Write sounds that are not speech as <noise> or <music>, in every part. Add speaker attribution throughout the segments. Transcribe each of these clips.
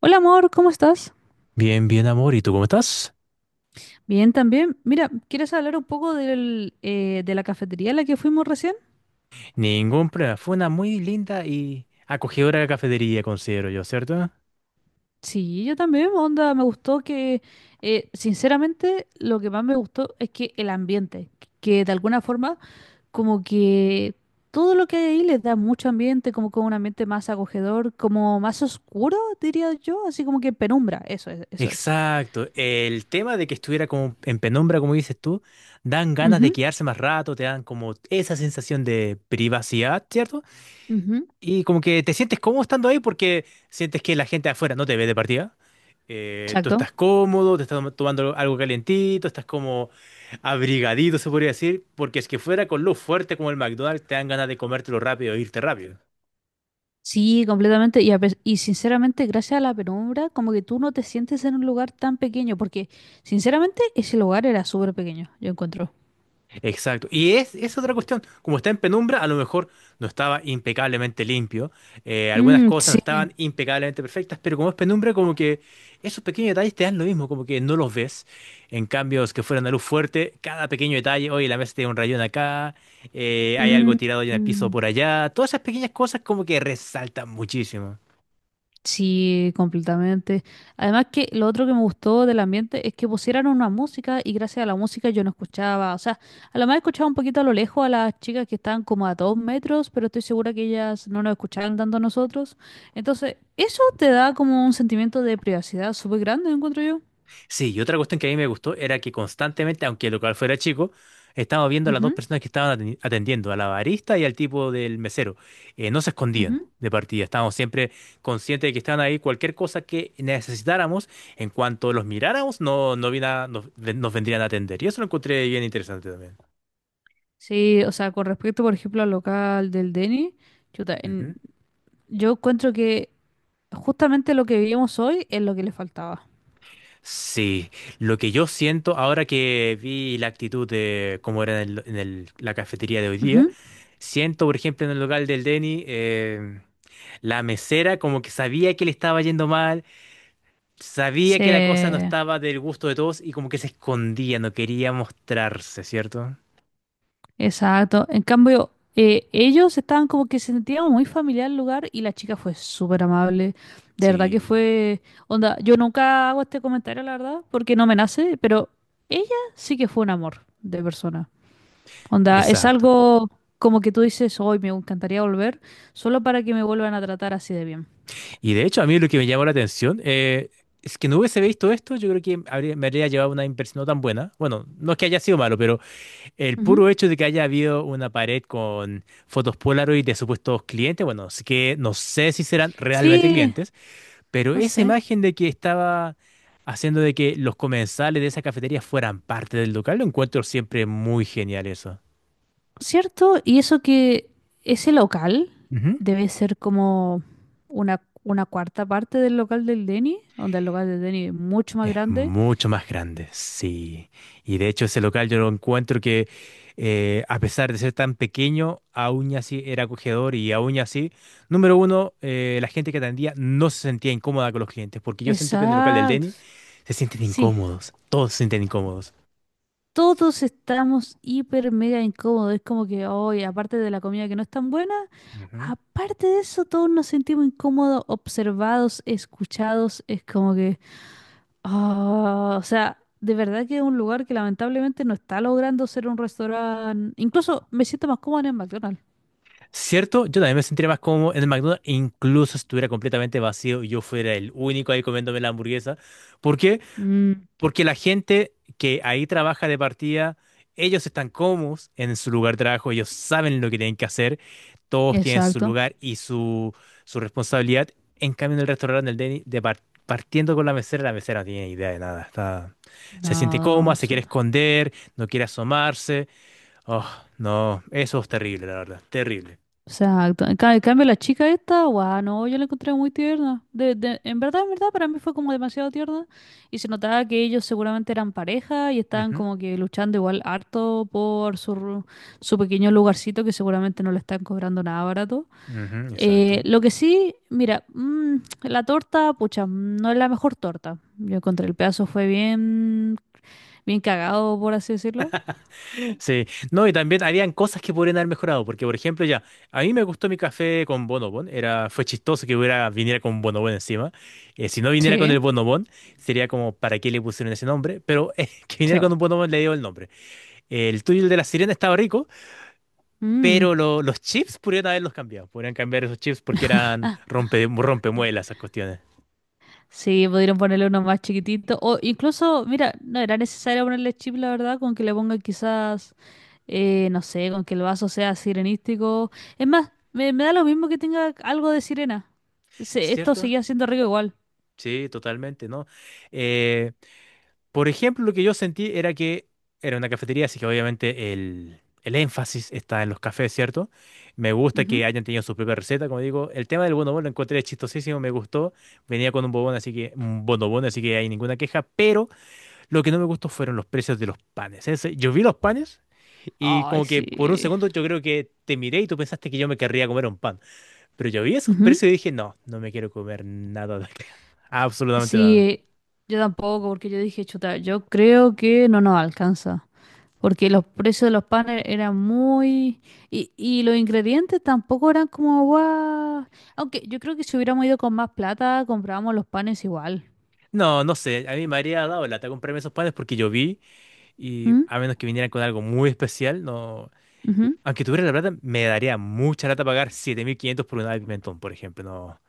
Speaker 1: Hola amor, ¿cómo estás?
Speaker 2: Bien, bien, amor. ¿Y tú cómo estás?
Speaker 1: Bien, también. Mira, ¿quieres hablar un poco del, de la cafetería a la que fuimos recién?
Speaker 2: Ningún problema. Fue una muy linda y acogedora cafetería, considero yo, ¿cierto?
Speaker 1: Sí, yo también, onda, me gustó que, sinceramente, lo que más me gustó es que el ambiente, que de alguna forma, como que todo lo que hay ahí les da mucho ambiente, como con un ambiente más acogedor, como más oscuro, diría yo, así como que penumbra, eso es, eso es.
Speaker 2: Exacto. El tema de que estuviera como en penumbra, como dices tú, dan ganas de quedarse más rato, te dan como esa sensación de privacidad, ¿cierto?
Speaker 1: Ujú, ujú.
Speaker 2: Y como que te sientes cómodo estando ahí porque sientes que la gente de afuera no te ve de partida. Tú
Speaker 1: Exacto.
Speaker 2: estás cómodo, te estás tomando algo calentito, estás como abrigadito, se podría decir, porque es que fuera con lo fuerte como el McDonald's te dan ganas de comértelo rápido e irte rápido.
Speaker 1: Sí, completamente. Y, y sinceramente, gracias a la penumbra, como que tú no te sientes en un lugar tan pequeño, porque sinceramente ese lugar era súper pequeño, yo encuentro.
Speaker 2: Exacto. Y es otra cuestión. Como está en penumbra, a lo mejor no estaba impecablemente limpio. Algunas
Speaker 1: Mm,
Speaker 2: cosas no
Speaker 1: sí.
Speaker 2: estaban impecablemente perfectas, pero como es penumbra, como que esos pequeños detalles te dan lo mismo, como que no los ves. En cambios que fueran a luz fuerte, cada pequeño detalle, oye, la mesa tiene un rayón acá, hay algo
Speaker 1: Mm,
Speaker 2: tirado en el piso
Speaker 1: mm.
Speaker 2: por allá. Todas esas pequeñas cosas como que resaltan muchísimo.
Speaker 1: Sí, completamente. Además que lo otro que me gustó del ambiente es que pusieran una música y gracias a la música yo no escuchaba, o sea, a lo más escuchaba un poquito a lo lejos a las chicas que estaban como a 2 metros, pero estoy segura que ellas no nos escuchaban tanto a nosotros. Entonces, eso te da como un sentimiento de privacidad súper grande, encuentro yo.
Speaker 2: Sí, y otra cuestión que a mí me gustó era que constantemente, aunque el local fuera chico, estábamos viendo a las dos
Speaker 1: Ujú,
Speaker 2: personas que estaban atendiendo, a la barista y al tipo del mesero. No se escondían
Speaker 1: ujú.
Speaker 2: de partida, estábamos siempre conscientes de que estaban ahí. Cualquier cosa que necesitáramos, en cuanto los miráramos, no, nos vendrían a atender. Y eso lo encontré bien interesante
Speaker 1: Sí, o sea, con respecto, por ejemplo, al local del Denny, chuta, en-
Speaker 2: también.
Speaker 1: yo encuentro que justamente lo que vivimos hoy es lo que le faltaba.
Speaker 2: Sí, lo que yo siento ahora que vi la actitud de cómo era en la cafetería de hoy día,
Speaker 1: Ujú.
Speaker 2: siento, por ejemplo, en el local del Denny, la mesera como que sabía que le estaba yendo mal, sabía
Speaker 1: Sí.
Speaker 2: que la cosa no estaba del gusto de todos y como que se escondía, no quería mostrarse, ¿cierto?
Speaker 1: Exacto. En cambio, ellos estaban como que se sentían muy familiar el lugar y la chica fue súper amable. De verdad que
Speaker 2: Sí.
Speaker 1: fue... Onda, yo nunca hago este comentario, la verdad, porque no me nace, pero ella sí que fue un amor de persona. Onda, es
Speaker 2: Exacto.
Speaker 1: algo como que tú dices, hoy me encantaría volver, solo para que me vuelvan a tratar así de bien.
Speaker 2: Y de hecho, a mí lo que me llamó la atención es que no hubiese visto esto, yo creo que me habría llevado una impresión no tan buena. Bueno, no es que haya sido malo, pero... El
Speaker 1: Ujú.
Speaker 2: puro hecho de que haya habido una pared con fotos Polaroid de supuestos clientes, bueno, sí que no sé si serán realmente
Speaker 1: Sí,
Speaker 2: clientes, pero
Speaker 1: no
Speaker 2: esa
Speaker 1: sé.
Speaker 2: imagen de que estaba haciendo de que los comensales de esa cafetería fueran parte del local, lo encuentro siempre muy genial eso.
Speaker 1: ¿Cierto? Y eso que ese local debe ser como una cuarta parte del local del Denny, donde el local del Denny es mucho más
Speaker 2: Es
Speaker 1: grande.
Speaker 2: mucho más grande, sí. Y de hecho ese local yo lo encuentro que a pesar de ser tan pequeño, aún así era acogedor y aún así, número uno, la gente que atendía no se sentía incómoda con los clientes, porque yo siento que en el local del
Speaker 1: Exacto.
Speaker 2: Denny se sienten
Speaker 1: Sí,
Speaker 2: incómodos, todos se sienten incómodos.
Speaker 1: todos estamos hiper mega incómodos. Es como que hoy, aparte de la comida que no es tan buena,
Speaker 2: Ujú.
Speaker 1: aparte de eso, todos nos sentimos incómodos, observados, escuchados. Es como que Ah, o sea, de verdad que es un lugar que lamentablemente no está logrando ser un restaurante. Incluso me siento más cómoda en el McDonald's.
Speaker 2: Cierto, yo también me sentiría más cómodo en el McDonald's, incluso si estuviera completamente vacío y yo fuera el único ahí comiéndome la hamburguesa. porque
Speaker 1: Mm,
Speaker 2: Porque la gente que ahí trabaja de partida, ellos están cómodos en su lugar de trabajo, ellos saben lo que tienen que hacer, todos tienen su
Speaker 1: exacto.
Speaker 2: lugar y su responsabilidad. En cambio, en el restaurante, el Denny, de partiendo con la mesera no tiene idea de nada. Está, se siente cómoda,
Speaker 1: No,
Speaker 2: se quiere
Speaker 1: Soto.
Speaker 2: esconder, no quiere asomarse. Oh, no, eso es terrible, la verdad, terrible.
Speaker 1: Exacto. En cambio, la chica esta, guau, no, yo la encontré muy tierna. En verdad, en verdad, para mí fue como demasiado tierna. Y se notaba que ellos seguramente eran pareja y estaban
Speaker 2: Ujú,
Speaker 1: como que luchando igual harto por su pequeño lugarcito que seguramente no le están cobrando nada barato.
Speaker 2: ujú, exacto.
Speaker 1: Lo que sí, mira, mm, la torta, pucha, no es la mejor torta. Yo encontré el pedazo, fue bien, bien cagado, por así decirlo.
Speaker 2: Sí, no, y también habían cosas que podrían haber mejorado, porque por ejemplo ya, a mí me gustó mi café con bonobón, era, fue chistoso que hubiera, viniera con bonobón encima, si no viniera con el
Speaker 1: Sí,
Speaker 2: bonobón, sería como, ¿para qué le pusieron ese nombre? Pero <laughs> que
Speaker 1: sí.
Speaker 2: viniera con un bonobón le dio el nombre. El tuyo, el de la sirena, estaba rico,
Speaker 1: Mm.
Speaker 2: pero los chips podrían haberlos cambiado, podrían cambiar esos chips porque eran rompemuelas esas cuestiones,
Speaker 1: Sí, pudieron ponerle uno más chiquitito. O incluso, mira, no era necesario ponerle chip, la verdad, con que le pongan quizás, no sé, con que el vaso sea sirenístico. Es más, me da lo mismo que tenga algo de sirena. Esto
Speaker 2: ¿cierto?
Speaker 1: seguía siendo rico igual.
Speaker 2: Sí, totalmente, ¿no? Por ejemplo, lo que yo sentí era que era una cafetería, así que obviamente el énfasis está en los cafés, ¿cierto? Me gusta que
Speaker 1: Ujú.
Speaker 2: hayan tenido su propia receta, como digo. El tema del bonobón lo encontré chistosísimo, me gustó. Venía con un bobón, así que un bonobón, así que hay ninguna queja. Pero lo que no me gustó fueron los precios de los panes. Yo vi los panes y
Speaker 1: Ay,
Speaker 2: como que por un
Speaker 1: sí.
Speaker 2: segundo yo creo que te miré y tú pensaste que yo me querría comer un pan. Pero yo vi esos precios y dije, no, no me quiero comer nada de acá. <laughs> Absolutamente nada.
Speaker 1: Sí, yo tampoco, porque yo dije, chuta, yo creo que no nos alcanza, porque los precios de los panes eran muy... Y los ingredientes tampoco eran como, guau. Aunque yo creo que si hubiéramos ido con más plata, comprábamos los panes igual.
Speaker 2: No, no sé, a mí me habría dado lata comprarme esos panes porque yo vi y
Speaker 1: ¿Mm?
Speaker 2: a menos que vinieran con algo muy especial, no.
Speaker 1: Ujú.
Speaker 2: Aunque tuviera la plata, me daría mucha lata pagar 7500 por una de pimentón, por ejemplo. No,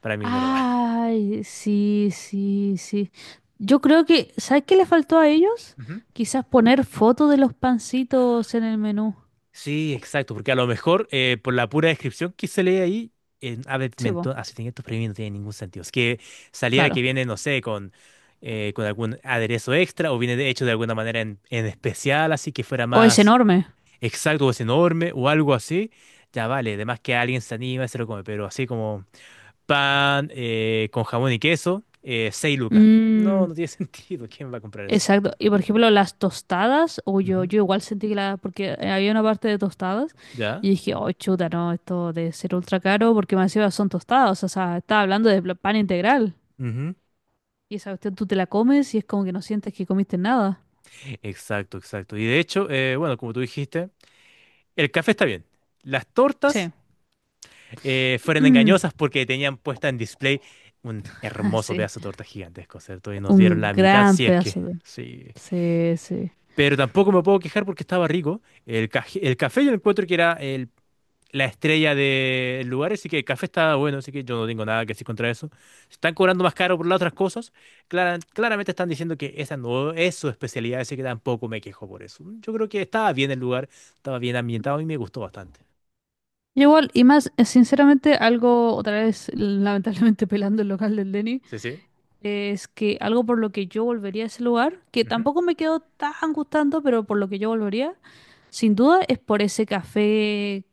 Speaker 2: para mí no lo vale.
Speaker 1: Ay, sí, sí, sí. Yo creo que, ¿sabes qué le faltó a ellos?
Speaker 2: Ujú.
Speaker 1: Quizás poner fotos de los pancitos en el menú.
Speaker 2: Sí, exacto, porque a lo mejor por la pura descripción que se lee ahí, en ave
Speaker 1: Sí, po,
Speaker 2: pimentón así 700 estos premios no tiene ningún sentido. Es que saliera que
Speaker 1: claro.
Speaker 2: viene, no sé, con algún aderezo extra o viene de hecho de alguna manera en, especial, así que fuera
Speaker 1: O es
Speaker 2: más
Speaker 1: enorme.
Speaker 2: exacto, o es enorme o algo así, ya vale. Además que alguien se anima y se lo come, pero así como pan con jamón y queso, 6 lucas. No,
Speaker 1: Mm.
Speaker 2: no tiene <laughs> sentido. ¿Quién va a comprar eso?
Speaker 1: Exacto. Y por ejemplo, las tostadas,
Speaker 2: Ujú.
Speaker 1: yo igual sentí que la, porque había una parte de tostadas y
Speaker 2: ¿Ya?
Speaker 1: dije, oh, chuta, no, esto de ser ultra caro, porque más encima son tostadas, o sea, estaba hablando de pan integral.
Speaker 2: Ujú.
Speaker 1: Y esa cuestión tú te la comes y es como que no sientes que comiste nada.
Speaker 2: Exacto, exacto. Y de hecho, bueno, como tú dijiste, el café está bien. Las
Speaker 1: Sí.
Speaker 2: tortas fueron
Speaker 1: Mm,
Speaker 2: engañosas porque tenían puesta en display un hermoso
Speaker 1: <laughs> sí.
Speaker 2: pedazo de torta gigantesco, ¿cierto? Y nos dieron
Speaker 1: Un
Speaker 2: la mitad,
Speaker 1: gran
Speaker 2: si es que...
Speaker 1: pedazo de...
Speaker 2: Sí.
Speaker 1: Sí, sí.
Speaker 2: Pero tampoco me puedo quejar porque estaba rico. El café yo encuentro que era la estrella del lugar, así que el café estaba bueno, así que yo no tengo nada que decir contra eso. Se están cobrando más caro por las otras cosas. Claramente están diciendo que esa no es su especialidad, así que tampoco me quejo por eso. Yo creo que estaba bien el lugar, estaba bien ambientado y me gustó bastante.
Speaker 1: Y igual, y más, sinceramente, algo, otra vez, lamentablemente <laughs> pelando el local del Denny.
Speaker 2: Sí, sí.
Speaker 1: Es que algo por lo que yo volvería a ese lugar, que
Speaker 2: Ujú.
Speaker 1: tampoco me quedó tan gustando, pero por lo que yo volvería, sin duda es por ese café,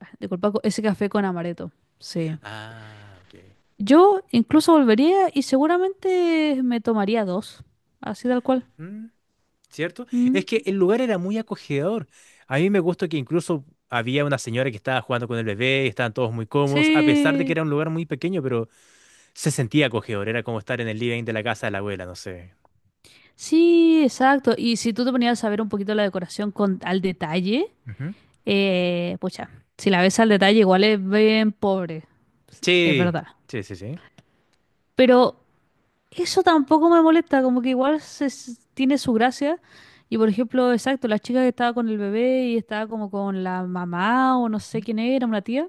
Speaker 1: ah, disculpa, ese café con amaretto. Sí.
Speaker 2: Ah, ok.
Speaker 1: Yo incluso volvería y seguramente me tomaría dos, así tal cual.
Speaker 2: ¿Cierto?
Speaker 1: Mm.
Speaker 2: Es que el lugar era muy acogedor. A mí me gustó que incluso había una señora que estaba jugando con el bebé, y estaban todos muy cómodos, a pesar de que
Speaker 1: Sí,
Speaker 2: era un lugar muy pequeño, pero se sentía acogedor. Era como estar en el living de la casa de la abuela, no sé.
Speaker 1: sí, exacto. Y si tú te ponías a ver un poquito la decoración con al detalle,
Speaker 2: Ujú.
Speaker 1: pucha, si la ves al detalle igual es bien pobre, es
Speaker 2: Sí,
Speaker 1: verdad.
Speaker 2: sí, sí, sí.
Speaker 1: Pero eso tampoco me molesta, como que igual tiene su gracia. Y por ejemplo, exacto, la chica que estaba con el bebé y estaba como con la mamá o no sé quién era, una tía.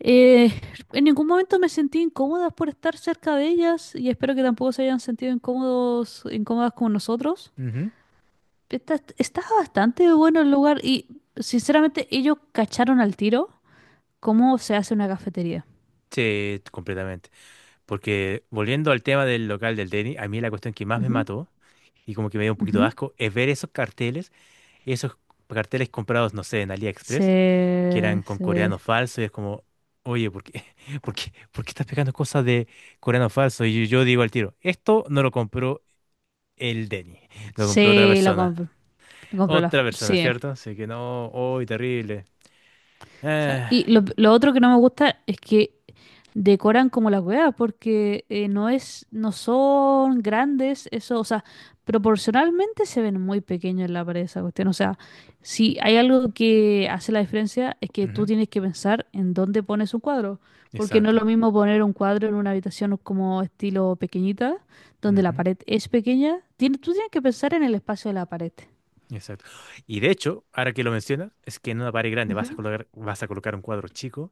Speaker 1: eh, <laughs> en ningún momento me sentí incómoda por estar cerca de ellas y espero que tampoco se hayan sentido incómodos, incómodas con nosotros.
Speaker 2: Ujú, ujú.
Speaker 1: Está bastante bueno el lugar y sinceramente ellos cacharon al tiro cómo se hace una cafetería.
Speaker 2: Sí, completamente. Porque volviendo al tema del local del Denny, a mí la cuestión que más me
Speaker 1: Ujú,
Speaker 2: mató y como que me dio un poquito
Speaker 1: ujú.
Speaker 2: de asco es ver esos carteles comprados, no sé, en AliExpress que
Speaker 1: Se,
Speaker 2: eran con
Speaker 1: se,
Speaker 2: coreano falso y es como, oye, ¿por qué, <laughs> por qué estás pegando cosas de coreano falso? Y yo digo al tiro, esto no lo compró el Denny, lo compró otra
Speaker 1: sí, lo
Speaker 2: persona.
Speaker 1: me compro las...
Speaker 2: Otra persona,
Speaker 1: Sí. O
Speaker 2: ¿cierto? Así que no, hoy terrible.
Speaker 1: sea,
Speaker 2: Ah,
Speaker 1: y lo otro que no me gusta es que decoran como las weas, porque no son grandes, eso, o sea, proporcionalmente se ven muy pequeños en la pared esa cuestión. O sea, si hay algo que hace la diferencia es que tú
Speaker 2: ujú,
Speaker 1: tienes que pensar en dónde pones un cuadro, porque no es
Speaker 2: exacto.
Speaker 1: lo mismo poner un cuadro en una habitación como estilo pequeñita, donde la
Speaker 2: Ujú,
Speaker 1: pared es pequeña. Tú tienes que pensar en el espacio de la pared.
Speaker 2: exacto. Y de hecho, ahora que lo mencionas, es que en una pared grande vas a
Speaker 1: Ujú.
Speaker 2: colocar, un cuadro chico.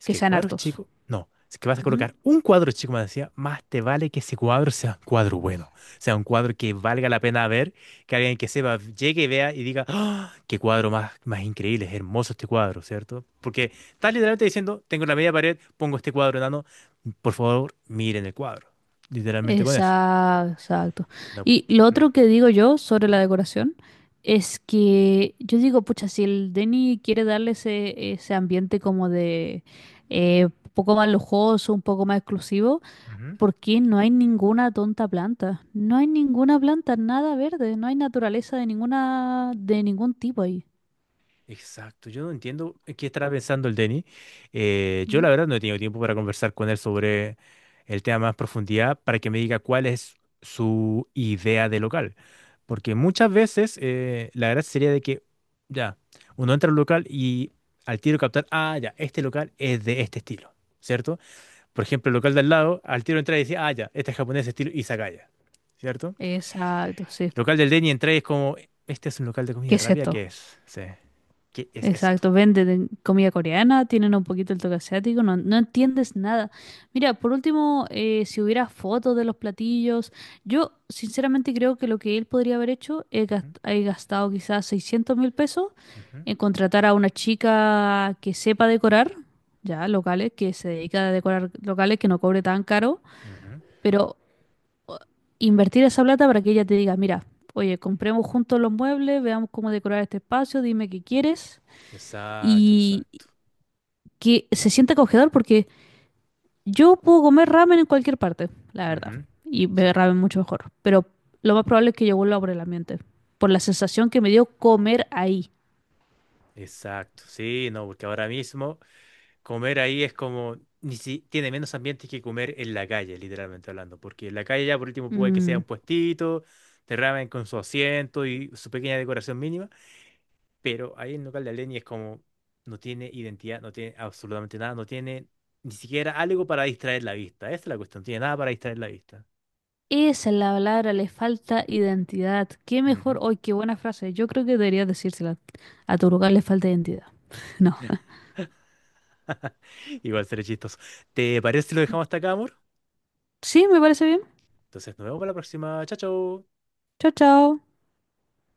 Speaker 2: Es
Speaker 1: Que
Speaker 2: que el
Speaker 1: sean
Speaker 2: cuadro es
Speaker 1: hartos.
Speaker 2: chico. No, es que vas a colocar un cuadro chico, me decía, más te vale que ese cuadro sea un cuadro bueno, sea un cuadro que valga la pena ver, que alguien que sepa llegue y vea y diga, ¡Ah! Qué cuadro más, más increíble, es hermoso este cuadro, ¿cierto? Porque estás literalmente diciendo, tengo la media pared, pongo este cuadro enano, por favor, miren el cuadro. Literalmente con eso.
Speaker 1: Exacto, exacto.
Speaker 2: No.
Speaker 1: Y lo
Speaker 2: Ujú,
Speaker 1: otro que digo yo sobre la decoración es que yo digo, pucha, si el Denny quiere darle ese, ese ambiente como de un poco más lujoso, un poco más exclusivo,
Speaker 2: ujú.
Speaker 1: ¿por qué no hay ninguna tonta planta? No hay ninguna planta, nada verde, no hay naturaleza de ninguna, de ningún tipo ahí.
Speaker 2: Exacto, yo no entiendo en qué estará pensando el Denny. Yo
Speaker 1: ¿Mm?
Speaker 2: la verdad no he tenido tiempo para conversar con él sobre el tema más profundidad para que me diga cuál es su idea de local. Porque muchas veces la gracia sería de que, ya, uno entra al local y al tiro captar, ah, ya, este local es de este estilo, ¿cierto? Por ejemplo, el local del lado, al tiro entra y dice, ah, ya, este es japonés de estilo izakaya, ¿cierto?
Speaker 1: Exacto, sí.
Speaker 2: El local del Denny entra y es como, este es un local de
Speaker 1: ¿Qué
Speaker 2: comida
Speaker 1: es
Speaker 2: rápida,
Speaker 1: esto?
Speaker 2: ¿qué es? Sí. ¿Qué es esto?
Speaker 1: Exacto, venden comida coreana, tienen un poquito el toque asiático, no, no entiendes nada. Mira, por último, si hubiera fotos de los platillos, yo sinceramente creo que lo que él podría haber hecho es
Speaker 2: Ujú,
Speaker 1: es gastado quizás 600.000 pesos
Speaker 2: ujú,
Speaker 1: en contratar a una chica que sepa decorar, ya locales, que se dedica a decorar locales, que no cobre tan caro,
Speaker 2: ujú.
Speaker 1: pero o- invertir esa plata para que ella te diga, mira, oye, compremos juntos los muebles, veamos cómo decorar este espacio, dime qué quieres
Speaker 2: Exacto, exacto.
Speaker 1: que se siente acogedor porque yo puedo comer ramen en cualquier parte, la verdad,
Speaker 2: Ujú,
Speaker 1: y beber
Speaker 2: exacto.
Speaker 1: ramen mucho mejor, pero lo más probable es que yo vuelva por el ambiente, por la sensación que me dio comer ahí.
Speaker 2: Exacto. Sí, no, porque ahora mismo comer ahí es como, ni si, tiene menos ambientes que comer en la calle, literalmente hablando, porque en la calle ya por último puede que sea
Speaker 1: Mm,
Speaker 2: un puestito, de ramen con su asiento y su pequeña decoración mínima, pero ahí en local de Aleni es como, no tiene identidad, no tiene absolutamente nada, no tiene ni siquiera algo para distraer la vista. Esa es la cuestión, no tiene nada para distraer la vista.
Speaker 1: esa es la palabra, le falta identidad. Qué mejor,
Speaker 2: Ujú.
Speaker 1: hoy, qué buena frase. Yo creo que debería decírsela. A tu lugar le falta identidad. <laughs> No.
Speaker 2: <laughs> Igual seré chistoso. ¿Te parece si lo dejamos hasta acá, amor?
Speaker 1: Sí, me parece bien.
Speaker 2: Entonces nos vemos para la próxima. Chao, chao.
Speaker 1: Chao, chao.